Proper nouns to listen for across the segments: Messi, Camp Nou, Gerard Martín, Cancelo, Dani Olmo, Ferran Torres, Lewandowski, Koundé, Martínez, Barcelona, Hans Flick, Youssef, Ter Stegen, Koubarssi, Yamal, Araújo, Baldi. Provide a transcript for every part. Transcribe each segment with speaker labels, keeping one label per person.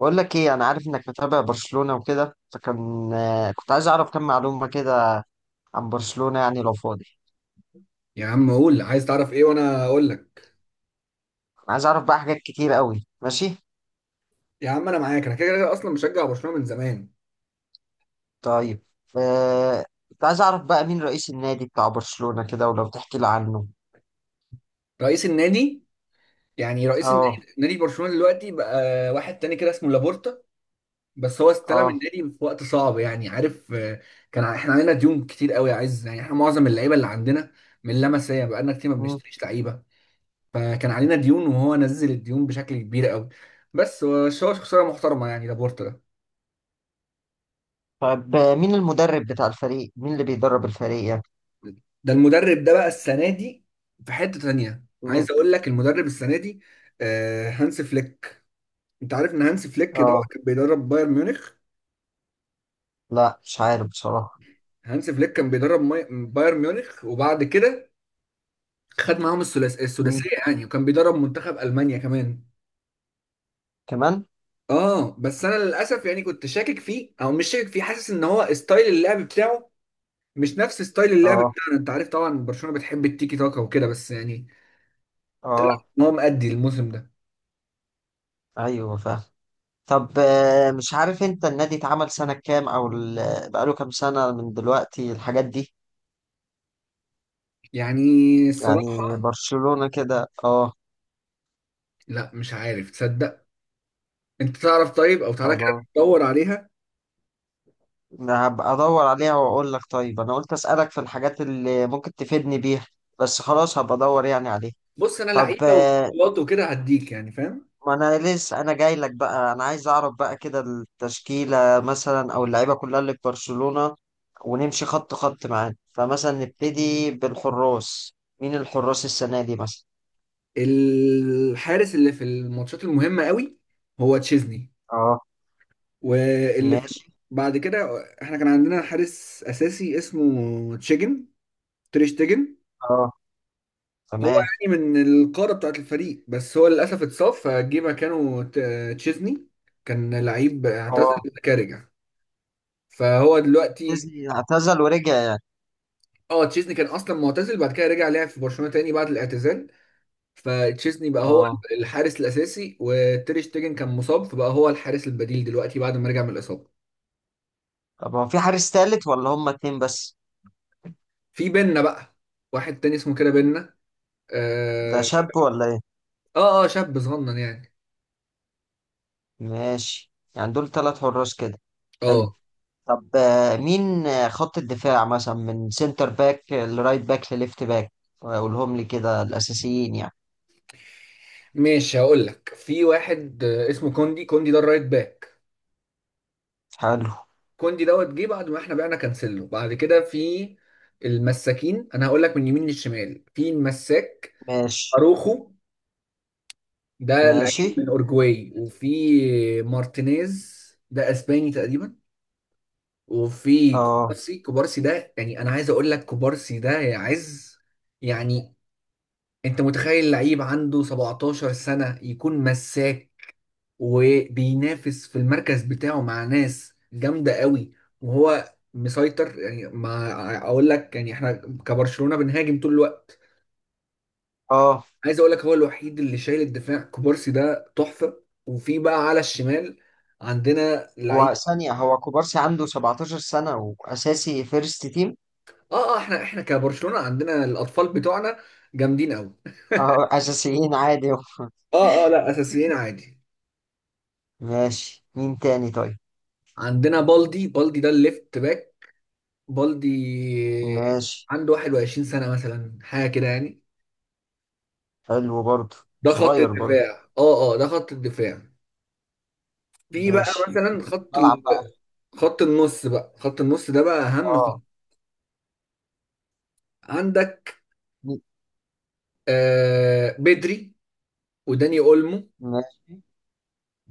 Speaker 1: بقول لك ايه؟ انا عارف انك متابع برشلونة وكده، فكان كنت عايز اعرف كم معلومة كده عن برشلونة يعني لو فاضي.
Speaker 2: يا عم قول عايز تعرف ايه وانا اقول لك.
Speaker 1: أنا عايز اعرف بقى حاجات كتير قوي. ماشي.
Speaker 2: يا عم انا معاك، انا كده كده اصلا مشجع برشلونه من زمان.
Speaker 1: طيب. كنت عايز اعرف بقى مين رئيس النادي بتاع برشلونة كده، ولو تحكي لي عنه.
Speaker 2: رئيس النادي؟ يعني رئيس
Speaker 1: اه.
Speaker 2: النادي، نادي برشلونه دلوقتي بقى واحد تاني كده اسمه لابورتا. بس هو استلم
Speaker 1: اه.
Speaker 2: النادي في وقت صعب، يعني عارف، كان احنا عندنا ديون كتير قوي. عايز يعني احنا معظم اللعيبه اللي عندنا من لمسيه، بقالنا كتير ما
Speaker 1: مم.
Speaker 2: بنشتريش لعيبه. فكان علينا ديون، وهو نزل الديون بشكل كبير قوي. بس هو خساره محترمه يعني لابورتا ده.
Speaker 1: طب مين المدرب بتاع الفريق؟ مين اللي بيدرب الفريق يعني؟
Speaker 2: المدرب ده بقى السنه دي في حته تانية، عايز
Speaker 1: مم.
Speaker 2: اقول لك المدرب السنه دي هانس فليك. انت عارف ان هانس فليك ده
Speaker 1: اه،
Speaker 2: كان بيدرب بايرن ميونخ.
Speaker 1: لا مش عارف بصراحة.
Speaker 2: هانس فليك كان بيدرب بايرن ميونخ، وبعد كده خد معاهم الثلاث
Speaker 1: مم.
Speaker 2: السداسيه يعني، وكان بيدرب منتخب المانيا كمان.
Speaker 1: كمان.
Speaker 2: اه بس انا للاسف يعني كنت شاكك فيه، او مش شاكك فيه، حاسس ان هو ستايل اللعب بتاعه مش نفس ستايل اللعب
Speaker 1: اه.
Speaker 2: بتاعنا. انت عارف طبعا برشلونه بتحب التيكي تاكا وكده، بس يعني
Speaker 1: اه.
Speaker 2: هو مأدي الموسم ده.
Speaker 1: ايوه فاهم. طب مش عارف انت، النادي اتعمل سنة كام؟ او بقاله كام سنة من دلوقتي، الحاجات دي.
Speaker 2: يعني
Speaker 1: يعني
Speaker 2: الصراحه،
Speaker 1: برشلونة كده. اه.
Speaker 2: لا مش عارف تصدق. انت تعرف طيب، او تعالى كده
Speaker 1: خلاص.
Speaker 2: تدور عليها.
Speaker 1: أنا هبقى ادور عليها واقول لك. طيب انا قلت اسألك في الحاجات اللي ممكن تفيدني بيها، بس خلاص هبقى ادور يعني عليها.
Speaker 2: بص انا
Speaker 1: طب
Speaker 2: لعيبه وبطولات وكده هديك يعني، فاهم.
Speaker 1: ما انا لسه انا جاي لك بقى، انا عايز اعرف بقى كده التشكيلة مثلا، او اللعيبة كلها اللي في برشلونة، ونمشي خط خط معانا. فمثلا نبتدي بالحراس. مين الحراس السنة دي مثلا؟
Speaker 2: الحارس اللي في الماتشات المهمه قوي هو تشيزني.
Speaker 1: اه.
Speaker 2: واللي في
Speaker 1: ماشي.
Speaker 2: بعد كده، احنا كان عندنا حارس اساسي اسمه تشيجن، تريش تيجن.
Speaker 1: اه.
Speaker 2: هو
Speaker 1: تمام.
Speaker 2: يعني من القاره بتاعت الفريق، بس هو للاسف اتصاب فجه مكانه تشيزني. كان لعيب اعتزل
Speaker 1: اه،
Speaker 2: كارجا، فهو دلوقتي.
Speaker 1: ديزني اعتزل ورجع يعني؟
Speaker 2: اه تشيزني كان اصلا معتزل، بعد كده رجع لعب في برشلونه تاني بعد الاعتزال. فتشيزني بقى هو
Speaker 1: اه.
Speaker 2: الحارس الاساسي، وتير شتيجن كان مصاب فبقى هو الحارس البديل دلوقتي بعد ما رجع من الاصابه.
Speaker 1: طب هو في حارس تالت، ولا هما اتنين بس؟
Speaker 2: في بينا بقى، واحد تاني اسمه كده بينا.
Speaker 1: ده
Speaker 2: اه
Speaker 1: شاب ولا ايه؟
Speaker 2: اه شاب صغنن يعني.
Speaker 1: ماشي، يعني دول تلات حراس كده. حلو.
Speaker 2: اه
Speaker 1: طب مين خط الدفاع مثلا، من سنتر باك لرايت باك لليفت باك؟ اقولهم لي كده الاساسيين يعني.
Speaker 2: ماشي هقول لك في واحد اسمه كوندي. كوندي ده الرايت باك.
Speaker 1: حلو.
Speaker 2: كوندي دوت جه بعد ما احنا بعنا كانسيلو. بعد كده في المساكين، انا هقول لك من يمين للشمال في المساك
Speaker 1: ماشي.
Speaker 2: اروخو، ده
Speaker 1: ماشي.
Speaker 2: لعيب من اورجواي، وفي مارتينيز، ده اسباني تقريبا. وفي
Speaker 1: اه.
Speaker 2: كوبارسي، كوبارسي ده يعني، انا عايز اقول لك كوبارسي ده يا عز، يعني انت متخيل لعيب عنده 17 سنة يكون مساك وبينافس في المركز بتاعه مع ناس جامدة قوي، وهو مسيطر. يعني ما اقول لك يعني احنا كبرشلونة بنهاجم طول الوقت.
Speaker 1: اه.
Speaker 2: عايز اقول لك هو الوحيد اللي شايل الدفاع، كوبارسي ده تحفه. وفي بقى على الشمال عندنا
Speaker 1: هو
Speaker 2: لعيب.
Speaker 1: ثانية، هو كوبارسي عنده 17 سنة وأساسي فيرست تيم؟
Speaker 2: اه اه احنا كبرشلونه عندنا الاطفال بتوعنا جامدين قوي.
Speaker 1: اه، أساسيين عادي؟
Speaker 2: اه اه لا اساسيين عادي.
Speaker 1: ماشي، مين تاني طيب؟
Speaker 2: عندنا بالدي، بالدي ده الليفت باك، بالدي
Speaker 1: ماشي.
Speaker 2: عنده 21 سنه مثلا حاجه كده يعني.
Speaker 1: حلو برضه.
Speaker 2: ده خط
Speaker 1: صغير برضه.
Speaker 2: الدفاع، اه اه، ده خط الدفاع. في بقى
Speaker 1: ماشي.
Speaker 2: مثلا
Speaker 1: بلعب بقى.
Speaker 2: خط النص بقى، خط النص ده بقى اهم خط
Speaker 1: اه.
Speaker 2: عندك.
Speaker 1: مي-
Speaker 2: آه بدري، وداني اولمو،
Speaker 1: ماشي.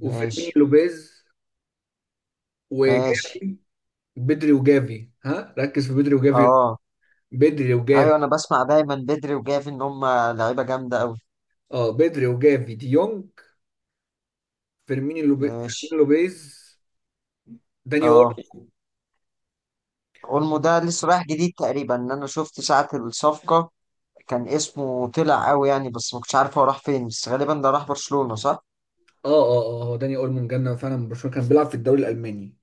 Speaker 2: وفيرمينيو لوبيز،
Speaker 1: ماشي.
Speaker 2: وجافي. بدري وجافي، ها ركز في بدري وجافي.
Speaker 1: اه،
Speaker 2: بدري
Speaker 1: ايوه،
Speaker 2: وجافي.
Speaker 1: انا بسمع دايما بدري وجافي ان هم لعيبه جامده قوي.
Speaker 2: اه بدري وجافي، دي يونج، فيرمينيو لوبيز. فيرمينيو
Speaker 1: ماشي.
Speaker 2: لوبيز، داني اول.
Speaker 1: اه، اولمو ده لسه رايح جديد تقريبا، ان انا شفت ساعه الصفقه كان اسمه طلع قوي يعني، بس ما كنتش عارف هو راح فين، بس غالبا ده راح برشلونه، صح؟
Speaker 2: اه اه اه هو داني اول من جنة فعلا من برشلونة، كان بيلعب في الدوري الالماني.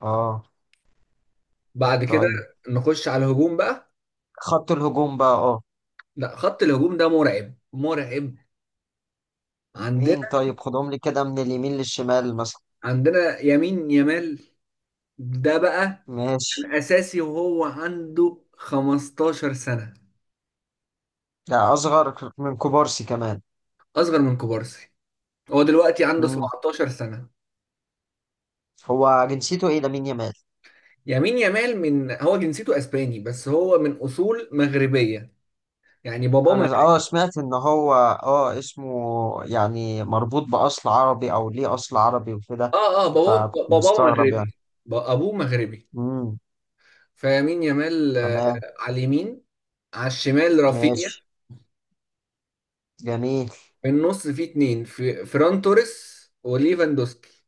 Speaker 1: اه.
Speaker 2: بعد كده
Speaker 1: طيب.
Speaker 2: نخش على الهجوم بقى.
Speaker 1: خط الهجوم بقى، اه.
Speaker 2: لا خط الهجوم ده مرعب مرعب.
Speaker 1: مين
Speaker 2: عندنا
Speaker 1: طيب؟ خدهم لي كده من اليمين للشمال مثلا.
Speaker 2: عندنا يمين يمال، ده بقى
Speaker 1: ماشي.
Speaker 2: كان اساسي وهو عنده 15 سنة.
Speaker 1: ده اصغر من كوبارسي كمان؟
Speaker 2: اصغر من كوبارسي، هو دلوقتي عنده
Speaker 1: مم.
Speaker 2: 17 سنة.
Speaker 1: هو جنسيته ايه لامين يامال؟
Speaker 2: يمين يامال من، هو جنسيته اسباني بس هو من اصول مغربيه، يعني باباه
Speaker 1: انا
Speaker 2: مغربي.
Speaker 1: سمعت ان هو اسمه، يعني مربوط باصل عربي، او ليه اصل عربي وكده،
Speaker 2: اه اه باباه
Speaker 1: فكنت
Speaker 2: باباه
Speaker 1: مستغرب يعني.
Speaker 2: مغربي. ابوه مغربي.
Speaker 1: امم
Speaker 2: فيمين يامال
Speaker 1: تمام.
Speaker 2: على اليمين، على الشمال رافينيا.
Speaker 1: ماشي. جميل.
Speaker 2: في النص في اتنين، في فران توريس وليفاندوسكي.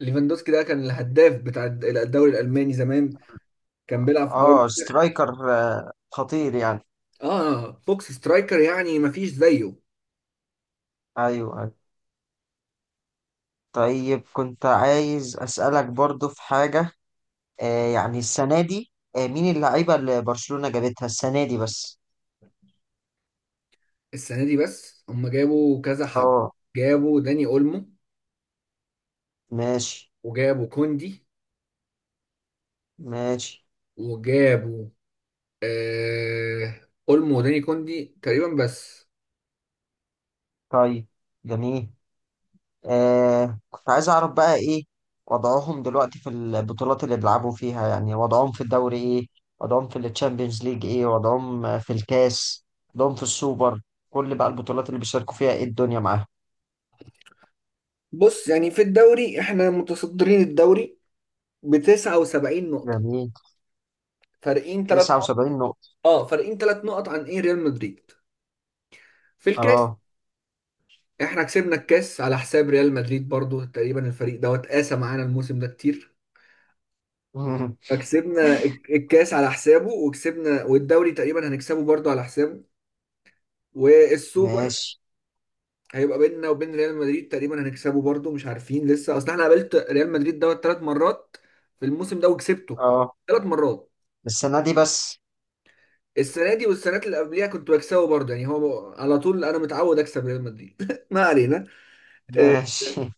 Speaker 2: ليفاندوسكي ده كان الهداف بتاع الدوري الالماني زمان، كان بيلعب في بايرن.
Speaker 1: اه، سترايكر خطير يعني.
Speaker 2: اه بوكس سترايكر يعني مفيش زيه.
Speaker 1: ايوه، أيوة. طيب كنت عايز اسالك برضو في حاجه. يعني السنه دي، مين اللعيبه اللي برشلونه جابتها السنه دي بس؟
Speaker 2: السنه دي بس هم جابوا كذا حد.
Speaker 1: اه.
Speaker 2: جابوا داني اولمو،
Speaker 1: ماشي.
Speaker 2: وجابوا كوندي،
Speaker 1: ماشي.
Speaker 2: وجابوا اولمو وداني كوندي تقريبا بس.
Speaker 1: طيب. جميل. كنت عايز اعرف بقى ايه وضعهم دلوقتي في البطولات اللي بيلعبوا فيها. يعني وضعهم في الدوري ايه، وضعهم في التشامبيونز ليج ايه، وضعهم في الكاس، وضعهم في السوبر، كل بقى البطولات اللي بيشاركوا فيها، ايه الدنيا معاهم؟
Speaker 2: بص يعني في الدوري احنا متصدرين الدوري ب 79 نقطة،
Speaker 1: جميل.
Speaker 2: فارقين ثلاث نقط.
Speaker 1: 79 نقطة.
Speaker 2: اه فارقين ثلاث نقط عن ايه، ريال مدريد. في الكاس
Speaker 1: اه.
Speaker 2: احنا كسبنا الكاس على حساب ريال مدريد برضو تقريبا، الفريق دوت قاسى معانا الموسم ده كتير. فكسبنا الكاس على حسابه، وكسبنا والدوري تقريبا هنكسبه برضو على حسابه. والسوبر
Speaker 1: ماشي.
Speaker 2: هيبقى بيننا وبين ريال مدريد، تقريبا هنكسبه برضه، مش عارفين لسه، اصل احنا قابلت ريال مدريد دوت ثلاث مرات في الموسم ده وكسبته
Speaker 1: اه،
Speaker 2: ثلاث مرات.
Speaker 1: السنة دي بس؟
Speaker 2: السنه دي والسنوات اللي قبليها كنت بكسبه برضه يعني، هو على طول انا متعود اكسب ريال مدريد ما علينا. آه،
Speaker 1: ماشي،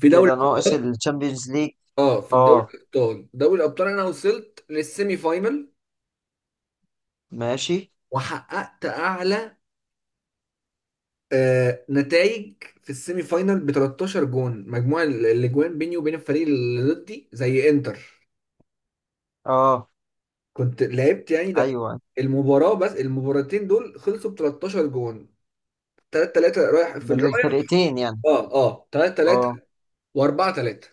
Speaker 2: في دوري
Speaker 1: كده ناقص
Speaker 2: الابطال،
Speaker 1: التشامبيونز ليج.
Speaker 2: اه في الدوري
Speaker 1: اه.
Speaker 2: الابطال، دوري الابطال انا وصلت للسيمي فاينل،
Speaker 1: ماشي.
Speaker 2: وحققت اعلى نتائج. في السيمي فاينل ب 13 جون، مجموع الاجوان بيني وبين الفريق اللي ضدي زي انتر.
Speaker 1: اه،
Speaker 2: كنت لعبت يعني، ده
Speaker 1: ايوه،
Speaker 2: المباراة، بس المباراتين دول خلصوا ب 13 جون، 3-3 رايح في
Speaker 1: ده
Speaker 2: الرايح.
Speaker 1: للفرقتين يعني؟
Speaker 2: اه اه 3-3
Speaker 1: اه،
Speaker 2: و4 3،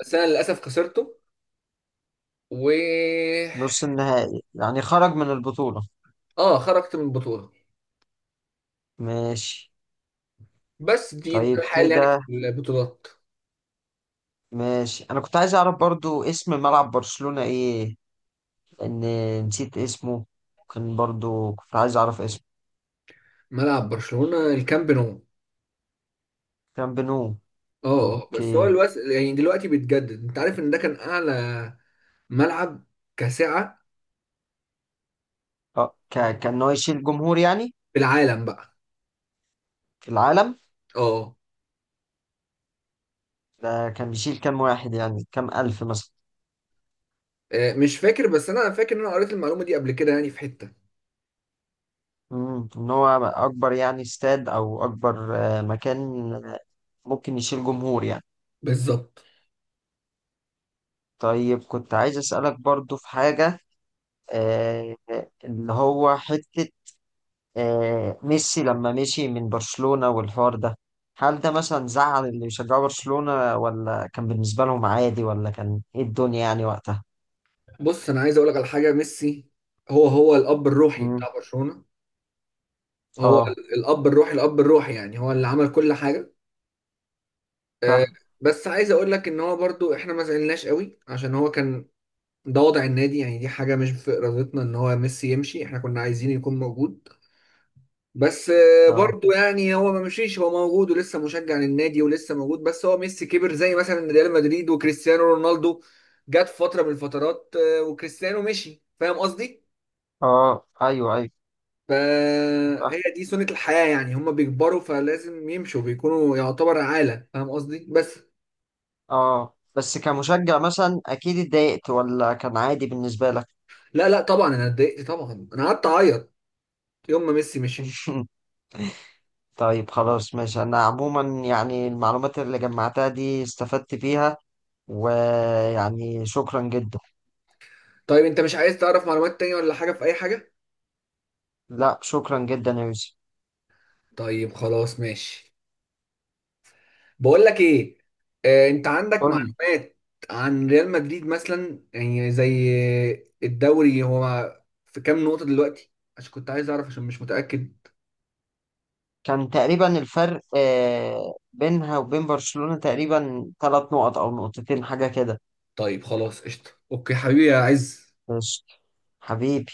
Speaker 2: بس انا للاسف خسرته. و
Speaker 1: نص النهائي يعني، خرج من البطولة.
Speaker 2: اه خرجت من البطولة.
Speaker 1: ماشي.
Speaker 2: بس دي ده
Speaker 1: طيب
Speaker 2: الحال يعني في
Speaker 1: كده.
Speaker 2: البطولات.
Speaker 1: ماشي. انا كنت عايز اعرف برضو اسم ملعب برشلونة ايه، لان نسيت اسمه، كان برضو كنت عايز اعرف اسمه.
Speaker 2: ملعب برشلونة الكامب نو.
Speaker 1: كان بنو.
Speaker 2: اه اه بس هو
Speaker 1: اوكي.
Speaker 2: يعني دلوقتي بيتجدد، انت عارف ان ده كان اعلى ملعب كسعة
Speaker 1: اه، كان هو يشيل جمهور يعني،
Speaker 2: في العالم بقى.
Speaker 1: في العالم.
Speaker 2: اه
Speaker 1: ده كان بيشيل كام واحد يعني، كام الف مثلا؟
Speaker 2: مش فاكر، بس انا فاكر ان انا قريت المعلومة دي قبل كده يعني في حتة.
Speaker 1: ان هو اكبر يعني استاد، او اكبر مكان ممكن يشيل جمهور يعني.
Speaker 2: بالظبط.
Speaker 1: طيب كنت عايز اسالك برضو في حاجة. آه، اللي هو حتة، ميسي لما مشي من برشلونة والحوار ده، هل ده مثلا زعل اللي بيشجعوا برشلونة، ولا كان بالنسبة لهم عادي، ولا كان ايه الدنيا يعني وقتها؟
Speaker 2: بص انا عايز اقول لك على حاجه، ميسي هو الاب الروحي
Speaker 1: مم.
Speaker 2: بتاع برشلونه. هو
Speaker 1: اه،
Speaker 2: الاب الروحي، الاب الروحي يعني هو اللي عمل كل حاجه. آه،
Speaker 1: فاهم.
Speaker 2: بس عايز اقول لك ان هو برضو احنا ما زعلناش قوي، عشان هو كان ده وضع النادي يعني. دي حاجه مش في ارادتنا ان هو ميسي يمشي، احنا كنا عايزين يكون موجود. بس
Speaker 1: اه.
Speaker 2: برضو يعني هو ما مشيش، هو موجود ولسه مشجع للنادي ولسه موجود. بس هو ميسي كبر، زي مثلا ريال مدريد وكريستيانو رونالدو جت فتره من الفترات وكريستيانو مشي، فاهم قصدي.
Speaker 1: اه. ايوه. ايوه فاهم.
Speaker 2: فهي دي سنة الحياة يعني، هما بيكبروا فلازم يمشوا، بيكونوا يعتبر عالة، فاهم قصدي. بس
Speaker 1: اه بس كمشجع مثلا اكيد اتضايقت، ولا كان عادي بالنسبة لك؟
Speaker 2: لا لا طبعا انا اتضايقت، طبعا انا قعدت اعيط يوم ما ميسي مشي.
Speaker 1: طيب خلاص ماشي، انا عموما يعني المعلومات اللي جمعتها دي استفدت بيها، ويعني شكرا جدا.
Speaker 2: طيب انت مش عايز تعرف معلومات تانية ولا حاجة في اي حاجة؟
Speaker 1: لا شكرا جدا يا يوسف.
Speaker 2: طيب خلاص ماشي. بقول لك ايه، انت عندك
Speaker 1: قول لي،
Speaker 2: معلومات عن ريال مدريد مثلا، يعني زي الدوري هو في كام نقطة دلوقتي، عشان كنت عايز اعرف عشان مش متأكد.
Speaker 1: كان تقريبا الفرق بينها وبين برشلونة تقريبا 3 نقط او نقطتين حاجة كده.
Speaker 2: طيب خلاص قشطة اوكي حبيبي عايز
Speaker 1: بس. حبيبي.